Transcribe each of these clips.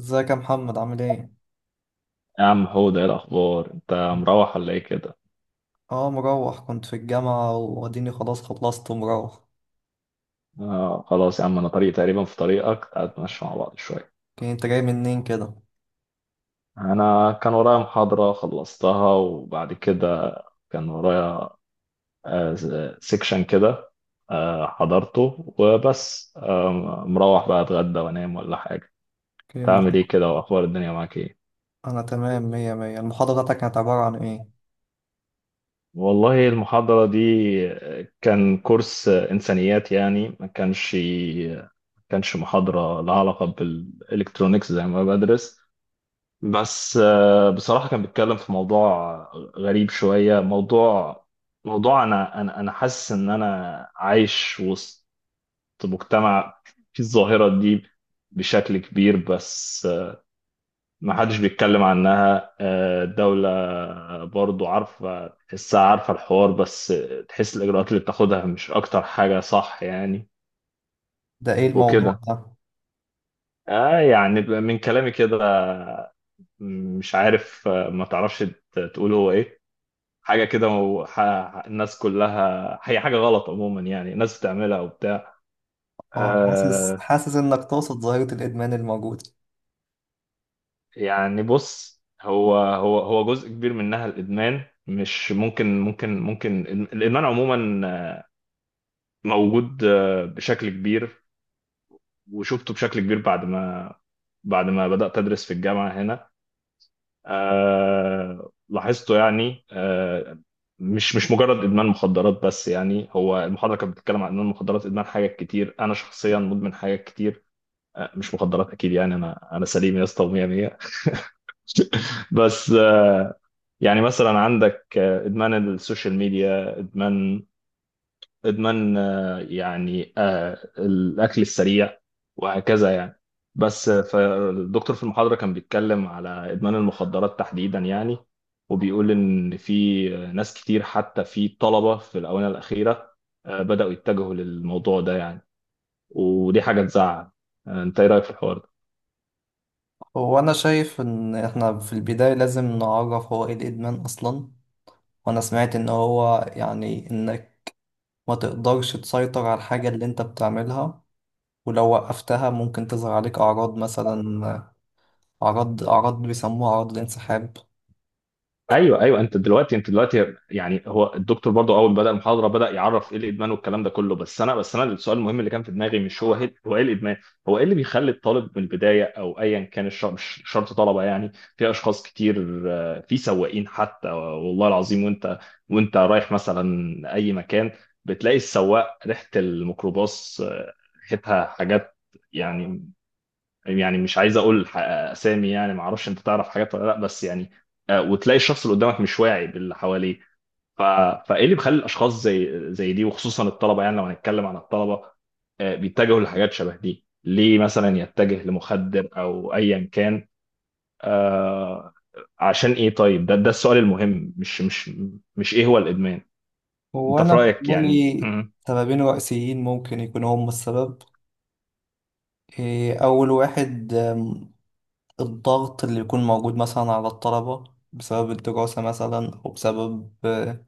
ازيك يا محمد؟ عامل ايه؟ يا عم، هو ده إيه الاخبار؟ انت مروح ولا ايه كده؟ اه، مروح. كنت في الجامعة واديني خلاص خلصت ومروح. آه خلاص يا عم، انا طريق تقريبا في طريقك. تعال نتمشى مع بعض شويه. اوكي، انت جاي منين كده؟ انا كان ورايا محاضره خلصتها وبعد كده، كان ورايا آه سيكشن كده. حضرته وبس. مروح بقى اتغدى وانام ولا حاجه. اوكي. تعمل ايه كده؟ واخبار الدنيا معاك ايه؟ انا تمام، مية مية. المحاضرة بتاعتك كانت عبارة عن ايه؟ والله المحاضرة دي، كان كورس إنسانيات، يعني ما كانش محاضرة لها علاقة بالإلكترونيكس زي ما بدرس. بس، بصراحة كان بيتكلم في موضوع غريب شوية. موضوع أنا حاسس إن أنا عايش وسط مجتمع فيه الظاهرة دي بشكل كبير، بس ما حدش بيتكلم عنها. الدولة برضو عارفة، تحسها، عارفة الحوار، بس تحس الإجراءات اللي بتاخدها مش أكتر حاجة صح، يعني. ده ايه الموضوع وكده. ده؟ يعني من كلامي كده مش عارف، ما تعرفش تقول هو إيه. حاجة كده الناس كلها، هي حاجة غلط عموما، يعني الناس بتعملها وبتاع. اه، حاسس آه حاسس انك تقصد ظاهرة الادمان الموجودة. يعني بص، هو جزء كبير منها الإدمان. مش ممكن الإدمان عموما موجود، بشكل كبير، وشفته بشكل كبير بعد ما بدأت أدرس في الجامعة هنا. لاحظته يعني، مش مجرد إدمان مخدرات، بس يعني هو المحاضرة كانت بتتكلم عن إدمان المخدرات، إدمان حاجات كتير. أنا شخصيا مدمن حاجات كتير، مش مخدرات أكيد، يعني أنا سليم يا اسطى ومية مية. بس، يعني مثلا عندك، إدمان السوشيال ميديا، إدمان يعني، الأكل السريع وهكذا يعني. بس، فالدكتور في المحاضرة كان بيتكلم على إدمان المخدرات تحديدا، يعني وبيقول إن في ناس كتير، حتى في طلبة في الآونة الأخيرة بدأوا يتجهوا للموضوع ده يعني. ودي حاجة تزعل. أنت إيه رأيك في الحوار ده؟ هو انا شايف ان احنا في البداية لازم نعرف هو ايه الادمان اصلا. وانا سمعت ان هو يعني انك ما تقدرش تسيطر على الحاجة اللي انت بتعملها، ولو وقفتها ممكن تظهر عليك أعراض، مثلا أعراض بيسموها أعراض الانسحاب. ايوه ايوه، انت دلوقتي يعني هو الدكتور برضو اول ما بدا المحاضره بدا يعرف ايه الادمان والكلام ده كله. بس انا السؤال المهم اللي كان في دماغي مش هو هي هو ايه الادمان؟ هو ايه اللي بيخلي الطالب من البدايه، او ايا كان مش شرط طلبه. يعني في اشخاص كتير، في سواقين حتى والله العظيم. وانت رايح مثلا اي مكان بتلاقي السواق ريحه الميكروباص، ريحتها حاجات، يعني مش عايز اقول اسامي، يعني ما اعرفش انت تعرف حاجات ولا لا، بس يعني وتلاقي الشخص اللي قدامك مش واعي باللي حواليه. ف... فايه اللي بيخلي الاشخاص زي دي، وخصوصا الطلبه. يعني لو هنتكلم عن الطلبه بيتجهوا لحاجات شبه دي ليه؟ مثلا يتجه لمخدر او ايا كان، آه، عشان ايه؟ طيب ده السؤال المهم، مش مش مش ايه هو الادمان؟ انت في وأنا رايك يعني؟ لي سببين رئيسيين ممكن يكونوا هم السبب. أول واحد، الضغط اللي يكون موجود مثلا على الطلبة بسبب الدراسة، مثلا أو بسبب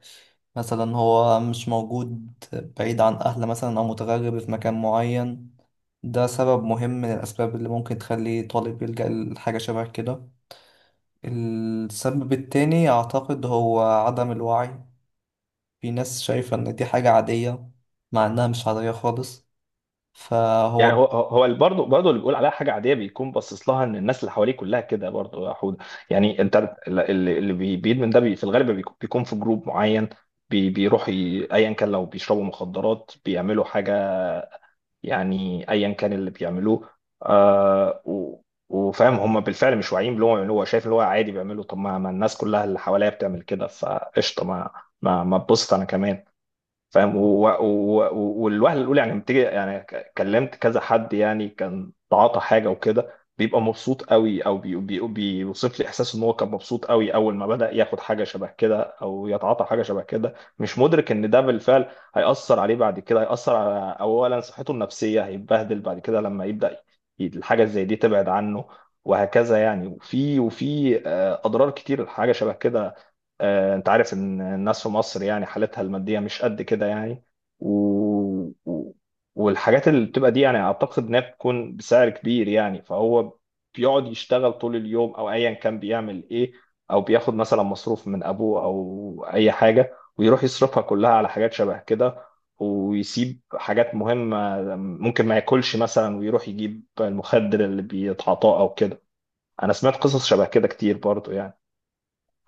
مثلا هو مش موجود، بعيد عن أهله مثلا أو متغرب في مكان معين. ده سبب مهم من الأسباب اللي ممكن تخلي طالب يلجأ لحاجة شبه كده. السبب التاني أعتقد هو عدم الوعي. في ناس شايفة إن دي حاجة عادية مع إنها مش عادية خالص. يعني فهو هو هو برضه اللي بيقول عليها حاجه عاديه بيكون باصص لها، ان الناس اللي حواليه كلها كده، برضه يا حود. يعني انت اللي بيدمن ده، في الغالب بيكون في جروب معين، بيروح ايا كان لو بيشربوا مخدرات بيعملوا حاجه، يعني ايا كان اللي بيعملوه. آه و- وفاهم، هم بالفعل مش واعيين باللي هو بيعملوه. هو شايف اللي هو عادي بيعمله. طب ما الناس كلها اللي حواليا بتعمل كده، فقشطه، ما تبسط انا كمان. فاهم. والوهله الاولى يعني لما تيجي يعني كلمت كذا حد يعني كان تعاطى حاجه وكده، بيبقى مبسوط قوي، او بي بي بيوصف لي احساس ان هو كان مبسوط قوي اول ما بدا ياخد حاجه شبه كده او يتعاطى حاجه شبه كده، مش مدرك ان ده بالفعل هيأثر عليه بعد كده. هيأثر على اولا صحته النفسيه، هيتبهدل بعد كده لما يبدا الحاجه زي دي تبعد عنه، وهكذا يعني. وفي اضرار كتير الحاجه شبه كده. انت عارف ان الناس في مصر يعني حالتها المادية مش قد كده يعني. و... و... والحاجات اللي بتبقى دي، يعني اعتقد انها بتكون بسعر كبير يعني، فهو بيقعد يشتغل طول اليوم او ايا كان بيعمل ايه، او بياخد مثلا مصروف من ابوه او اي حاجة ويروح يصرفها كلها على حاجات شبه كده، ويسيب حاجات مهمة. ممكن ما ياكلش مثلا ويروح يجيب المخدر اللي بيتعاطاه او كده. انا سمعت قصص شبه كده كتير برضو يعني.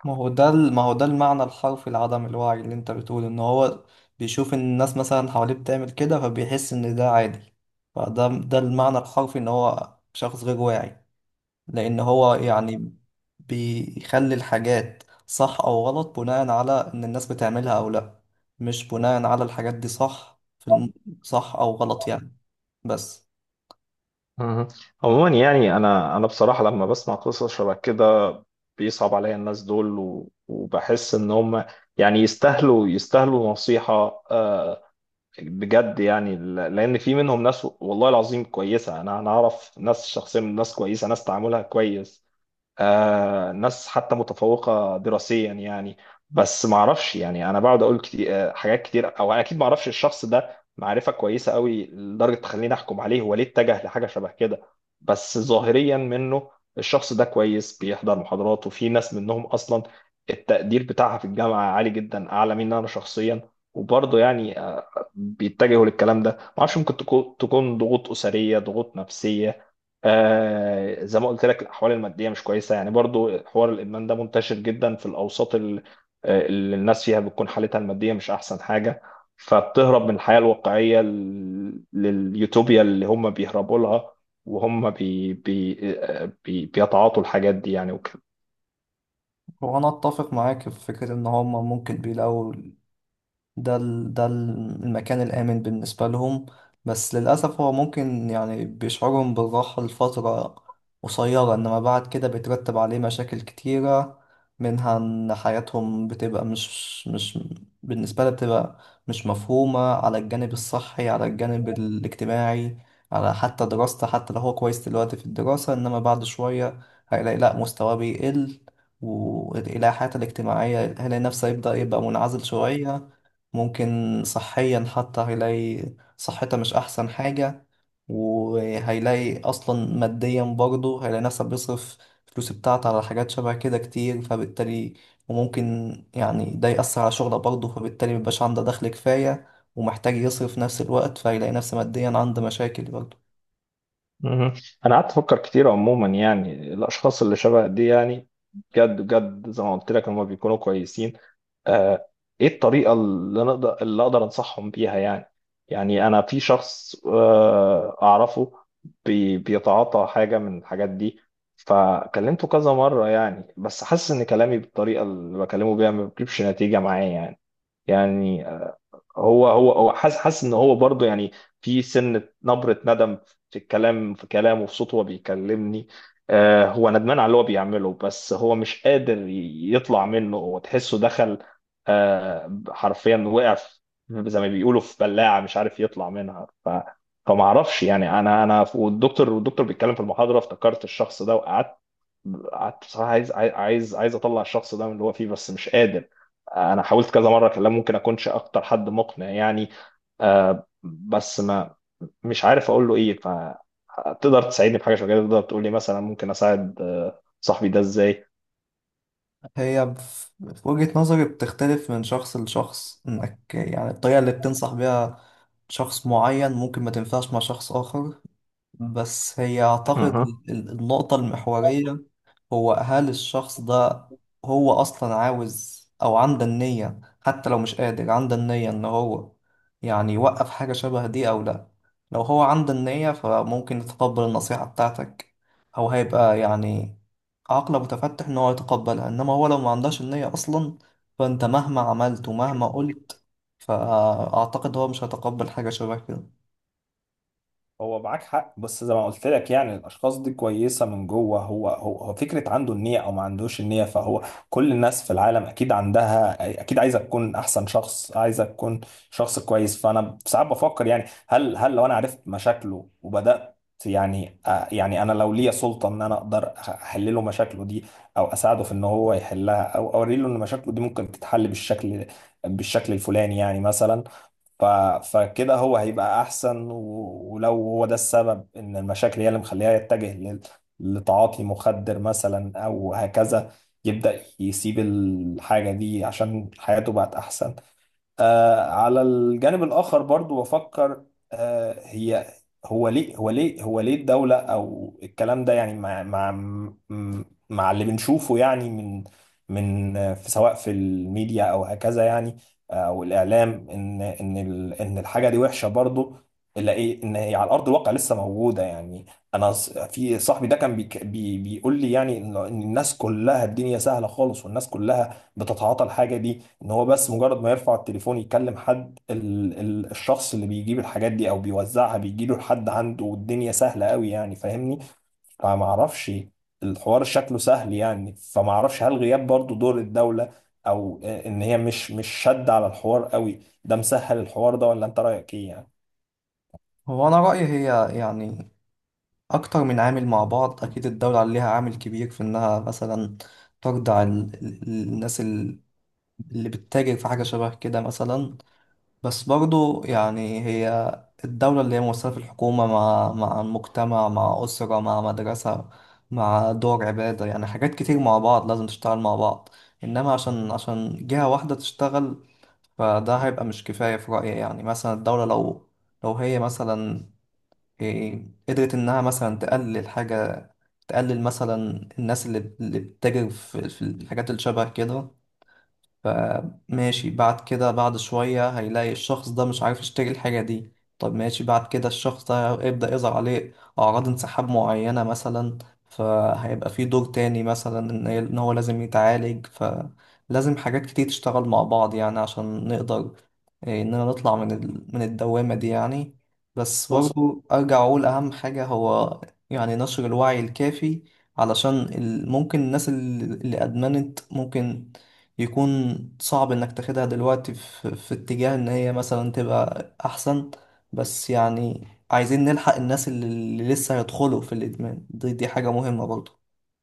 ما هو ده المعنى الحرفي لعدم الوعي، اللي أنت بتقول إن هو بيشوف إن الناس مثلا حواليه بتعمل كده فبيحس إن ده عادي. فده المعنى الحرفي إن هو شخص غير واعي، لأن هو يعني بيخلي الحاجات صح أو غلط بناء على إن الناس بتعملها أو لأ، مش بناء على الحاجات دي. صح صح أو غلط يعني. بس مهم. عموما يعني انا بصراحه لما بسمع قصص شبه كده بيصعب عليا الناس دول، وبحس ان هم يعني يستاهلوا نصيحه، آه، بجد يعني. لان في منهم ناس والله العظيم كويسه، انا اعرف ناس شخصيا، ناس كويسه، ناس تعاملها كويس. ناس حتى متفوقة دراسيا يعني. بس ما اعرفش، يعني انا بقعد اقول كتير حاجات كتير، او انا اكيد ما اعرفش الشخص ده معرفة كويسة قوي لدرجة تخليني احكم عليه هو ليه اتجه لحاجة شبه كده. بس ظاهريا منه الشخص ده كويس، بيحضر محاضرات، وفي ناس منهم اصلا التقدير بتاعها في الجامعة عالي جدا، اعلى مني انا شخصيا. وبرضه يعني بيتجهوا للكلام ده، ما اعرفش. ممكن تكون ضغوط أسرية، ضغوط نفسية. زي ما قلت لك، الاحوال الماديه مش كويسه، يعني برضو حوار الادمان ده منتشر جدا في الاوساط اللي الناس فيها بتكون حالتها الماديه مش احسن حاجه، فبتهرب من الحياه الواقعيه لليوتوبيا اللي هم بيهربوا لها، وهم بي بي بيتعاطوا الحاجات دي يعني. هو انا اتفق معاك في فكره ان هم ممكن بيلاقوا المكان الآمن بالنسبة لهم. بس للأسف هو ممكن يعني بيشعرهم بالراحة لفترة قصيرة، إنما بعد كده بيترتب عليه مشاكل كتيرة، منها إن حياتهم بتبقى مش بالنسبة لها، بتبقى مش مفهومة على الجانب الصحي، على الجانب الاجتماعي، على حتى دراسته. حتى لو هو كويس دلوقتي في الدراسة، إنما بعد شوية هيلاقي لأ، مستواه بيقل. ويلاقي حياته الاجتماعية، هيلاقي نفسه يبدأ يبقى منعزل شوية. ممكن صحيا حتى هيلاقي صحتها مش أحسن حاجة. وهيلاقي أصلا ماديا برضه هيلاقي نفسه بيصرف الفلوس بتاعته على حاجات شبه كده كتير، فبالتالي وممكن يعني ده يأثر على شغله برضه، فبالتالي مبيبقاش عنده دخل كفاية ومحتاج يصرف في نفس الوقت، فهيلاقي نفسه ماديا عنده مشاكل برضه. مهم. انا قعدت افكر كتير، عموما يعني الاشخاص اللي شبه دي، يعني بجد بجد زي ما قلت لك هم بيكونوا كويسين، آه ايه الطريقه اللي اقدر انصحهم بيها يعني؟ يعني انا في شخص اعرفه بيتعاطى حاجه من الحاجات دي، فكلمته كذا مره. يعني بس حاسس ان كلامي بالطريقه اللي بكلمه بيها ما بيجيبش نتيجه معايا يعني. يعني هو حاسس ان هو برضه يعني في سنة، نبرة ندم في الكلام، في كلامه، في صوته وهو بيكلمني. هو ندمان على اللي هو بيعمله، بس هو مش قادر يطلع منه. هو تحسه دخل، حرفيا وقع زي ما بيقولوا في بلاعة مش عارف يطلع منها. فما اعرفش يعني. انا، والدكتور بيتكلم في المحاضرة افتكرت الشخص ده، قعدت بصراحه عايز عاي- عايز عايز اطلع الشخص ده من اللي هو فيه بس مش قادر. انا حاولت كذا مره اكلمه. ممكن اكونش اكتر حد مقنع يعني، بس ما مش عارف اقول له ايه. فتقدر تساعدني في حاجه شبه كده؟ تقدر تقول لي مثلا ممكن اساعد صاحبي ده ازاي؟ هي في وجهة نظري بتختلف من شخص لشخص، إنك يعني الطريقة اللي بتنصح بيها شخص معين ممكن ما تنفعش مع شخص آخر. بس هي أعتقد مهم. النقطة المحورية هو، هل الشخص ده هو أصلا عاوز أو عنده النية؟ حتى لو مش قادر، عنده النية إن هو يعني يوقف حاجة شبه دي أو لأ. لو هو عنده النية فممكن يتقبل النصيحة بتاعتك، أو هيبقى يعني عقله متفتح إن هو يتقبلها. إنما هو لو ما عندهش النية أصلا، فأنت مهما عملت ومهما قلت فأعتقد هو مش هيتقبل حاجة شبه كده. هو معاك حق، بس زي ما قلت لك يعني الاشخاص دي كويسه من جوه. هو فكره عنده النيه او ما عندوش النيه، فهو كل الناس في العالم اكيد عندها، اكيد عايزه تكون احسن شخص، عايزه تكون شخص كويس. فانا ساعات بفكر يعني هل لو انا عرفت مشاكله وبدات، يعني يعني انا لو ليا سلطه ان انا اقدر احل له مشاكله دي، او اساعده في ان هو يحلها، او اوري له ان مشاكله دي ممكن تتحل بالشكل، الفلاني يعني مثلا. ف... فكده هو هيبقى احسن، ولو هو ده السبب، ان المشاكل هي اللي مخليها يتجه لتعاطي مخدر مثلا او هكذا، يبدأ يسيب الحاجة دي عشان حياته بقت احسن. على الجانب الآخر برضو بفكر، آه هي هو ليه الدولة أو الكلام ده يعني مع اللي بنشوفه يعني من سواء في الميديا أو هكذا يعني، أو الإعلام، إن الحاجة دي وحشة. برضو إلا إيه إن هي على أرض الواقع لسه موجودة يعني. أنا في صاحبي ده كان بيك- بي بيقول لي يعني إن الناس كلها الدنيا سهلة خالص، والناس كلها بتتعاطى الحاجة دي، ان هو بس مجرد ما يرفع التليفون يكلم حد، ال ال الشخص اللي بيجيب الحاجات دي او بيوزعها بيجيله لحد عنده. والدنيا سهله قوي يعني، فاهمني. فما اعرفش، الحوار شكله سهل يعني. فما اعرفش، هل غياب برضو دور الدوله، او ان هي مش شد على الحوار قوي ده مسهل الحوار ده؟ ولا انت رايك ايه يعني؟ هو أنا رأيي، هي يعني أكتر من عامل مع بعض. أكيد الدولة عليها عامل كبير في إنها مثلا ترضع الناس اللي بتتاجر في حاجة شبه كده مثلا. بس برضو يعني هي الدولة اللي هي ممثلة في الحكومة، مع المجتمع، مع أسرة، مع مدرسة، مع دور عبادة. يعني حاجات كتير مع بعض لازم تشتغل مع بعض، إنما عشان جهة واحدة تشتغل فده هيبقى مش كفاية في رأيي. يعني مثلا الدولة لو هي مثلا، قدرت إنها مثلا تقلل حاجة، تقلل مثلا الناس اللي بتتاجر في الحاجات اللي شبه كده، فماشي. بعد كده بعد شوية هيلاقي الشخص ده مش عارف يشتري الحاجة دي. طب ماشي، بعد كده الشخص ده يبدأ يظهر عليه أعراض انسحاب معينة مثلا، فهيبقى في دور تاني مثلا إن هو لازم يتعالج. فلازم حاجات كتير تشتغل مع بعض يعني، عشان نقدر إننا نطلع من من الدوامة دي يعني. بس برضو أرجع أقول أهم حاجة هو يعني نشر الوعي الكافي، علشان ممكن الناس اللي أدمنت ممكن يكون صعب انك تاخدها دلوقتي في, في اتجاه ان هي مثلا تبقى احسن. بس يعني عايزين نلحق الناس اللي لسه هيدخلوا في الادمان. دي دي حاجة مهمة برضو.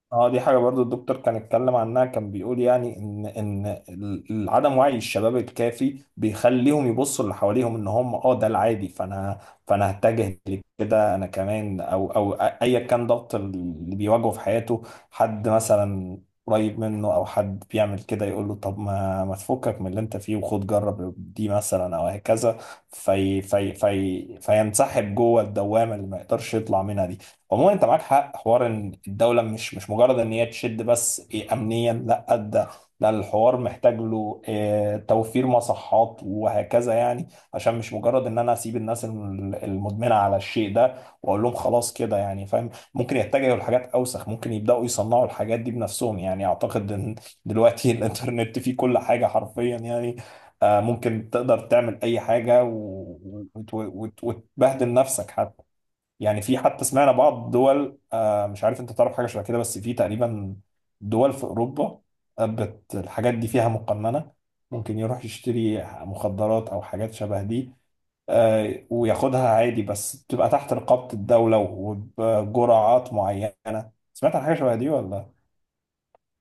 اه دي حاجة برضو الدكتور كان اتكلم عنها، كان بيقول يعني عدم وعي الشباب الكافي بيخليهم يبصوا اللي حواليهم ان هم ده العادي، فانا هتجه لكده انا كمان، او ايا كان ضغط اللي بيواجهه في حياته، حد مثلا قريب منه او حد بيعمل كده يقول له طب ما تفكك من اللي انت فيه وخد جرب دي مثلا او هكذا، في في في فينسحب جوه الدوامة اللي ما يقدرش يطلع منها دي. عموما انت معاك حق، حوار ان الدوله مش مجرد ان هي تشد بس إيه امنيا، لا. ده الحوار محتاج له إيه، توفير مصحات وهكذا يعني. عشان مش مجرد ان انا اسيب الناس المدمنه على الشيء ده واقول لهم خلاص كده، يعني فاهم ممكن يتجهوا لحاجات اوسخ، ممكن يبداوا يصنعوا الحاجات دي بنفسهم يعني. اعتقد ان دلوقتي الانترنت فيه كل حاجه حرفيا يعني، ممكن تقدر تعمل اي حاجه، وتبهدل نفسك حتى. يعني في، حتى سمعنا بعض دول، مش عارف انت تعرف حاجه شبه كده؟ بس في تقريبا دول في اوروبا بت الحاجات دي فيها مقننه. ممكن يروح يشتري مخدرات او حاجات شبه دي وياخدها عادي، بس بتبقى تحت رقابه الدوله وبجرعات معينه. سمعت عن حاجه شبه دي ولا؟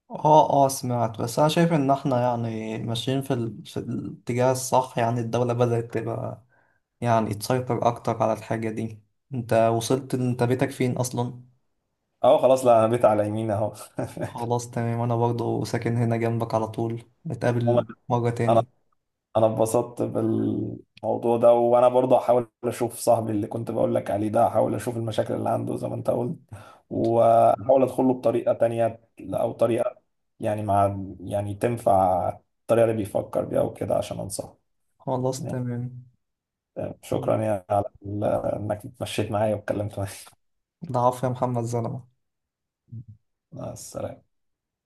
اه اه، سمعت. بس انا شايف ان احنا يعني ماشيين في الاتجاه الصح. يعني الدولة بدأت تبقى يعني تسيطر اكتر على الحاجة دي. انت وصلت؟ انت بيتك فين اصلا؟ اه خلاص، لا، انا بيت على يمين اهو. خلاص، تمام. انا برضو ساكن هنا جنبك، على طول عموماً، نتقابل مرة انا تاني. انا اتبسطت بالموضوع ده، وانا برضه هحاول اشوف صاحبي اللي كنت بقول لك عليه ده. هحاول اشوف المشاكل اللي عنده زي ما انت قلت، واحاول ادخله بطريقة تانية، او طريقة، يعني مع، يعني تنفع الطريقة اللي بيفكر بيها وكده، عشان انصحه. خلاص، تمام. شكرا يعني على انك اتمشيت معايا واتكلمت معايا. ضعاف يا محمد زلمة. مع السلامة.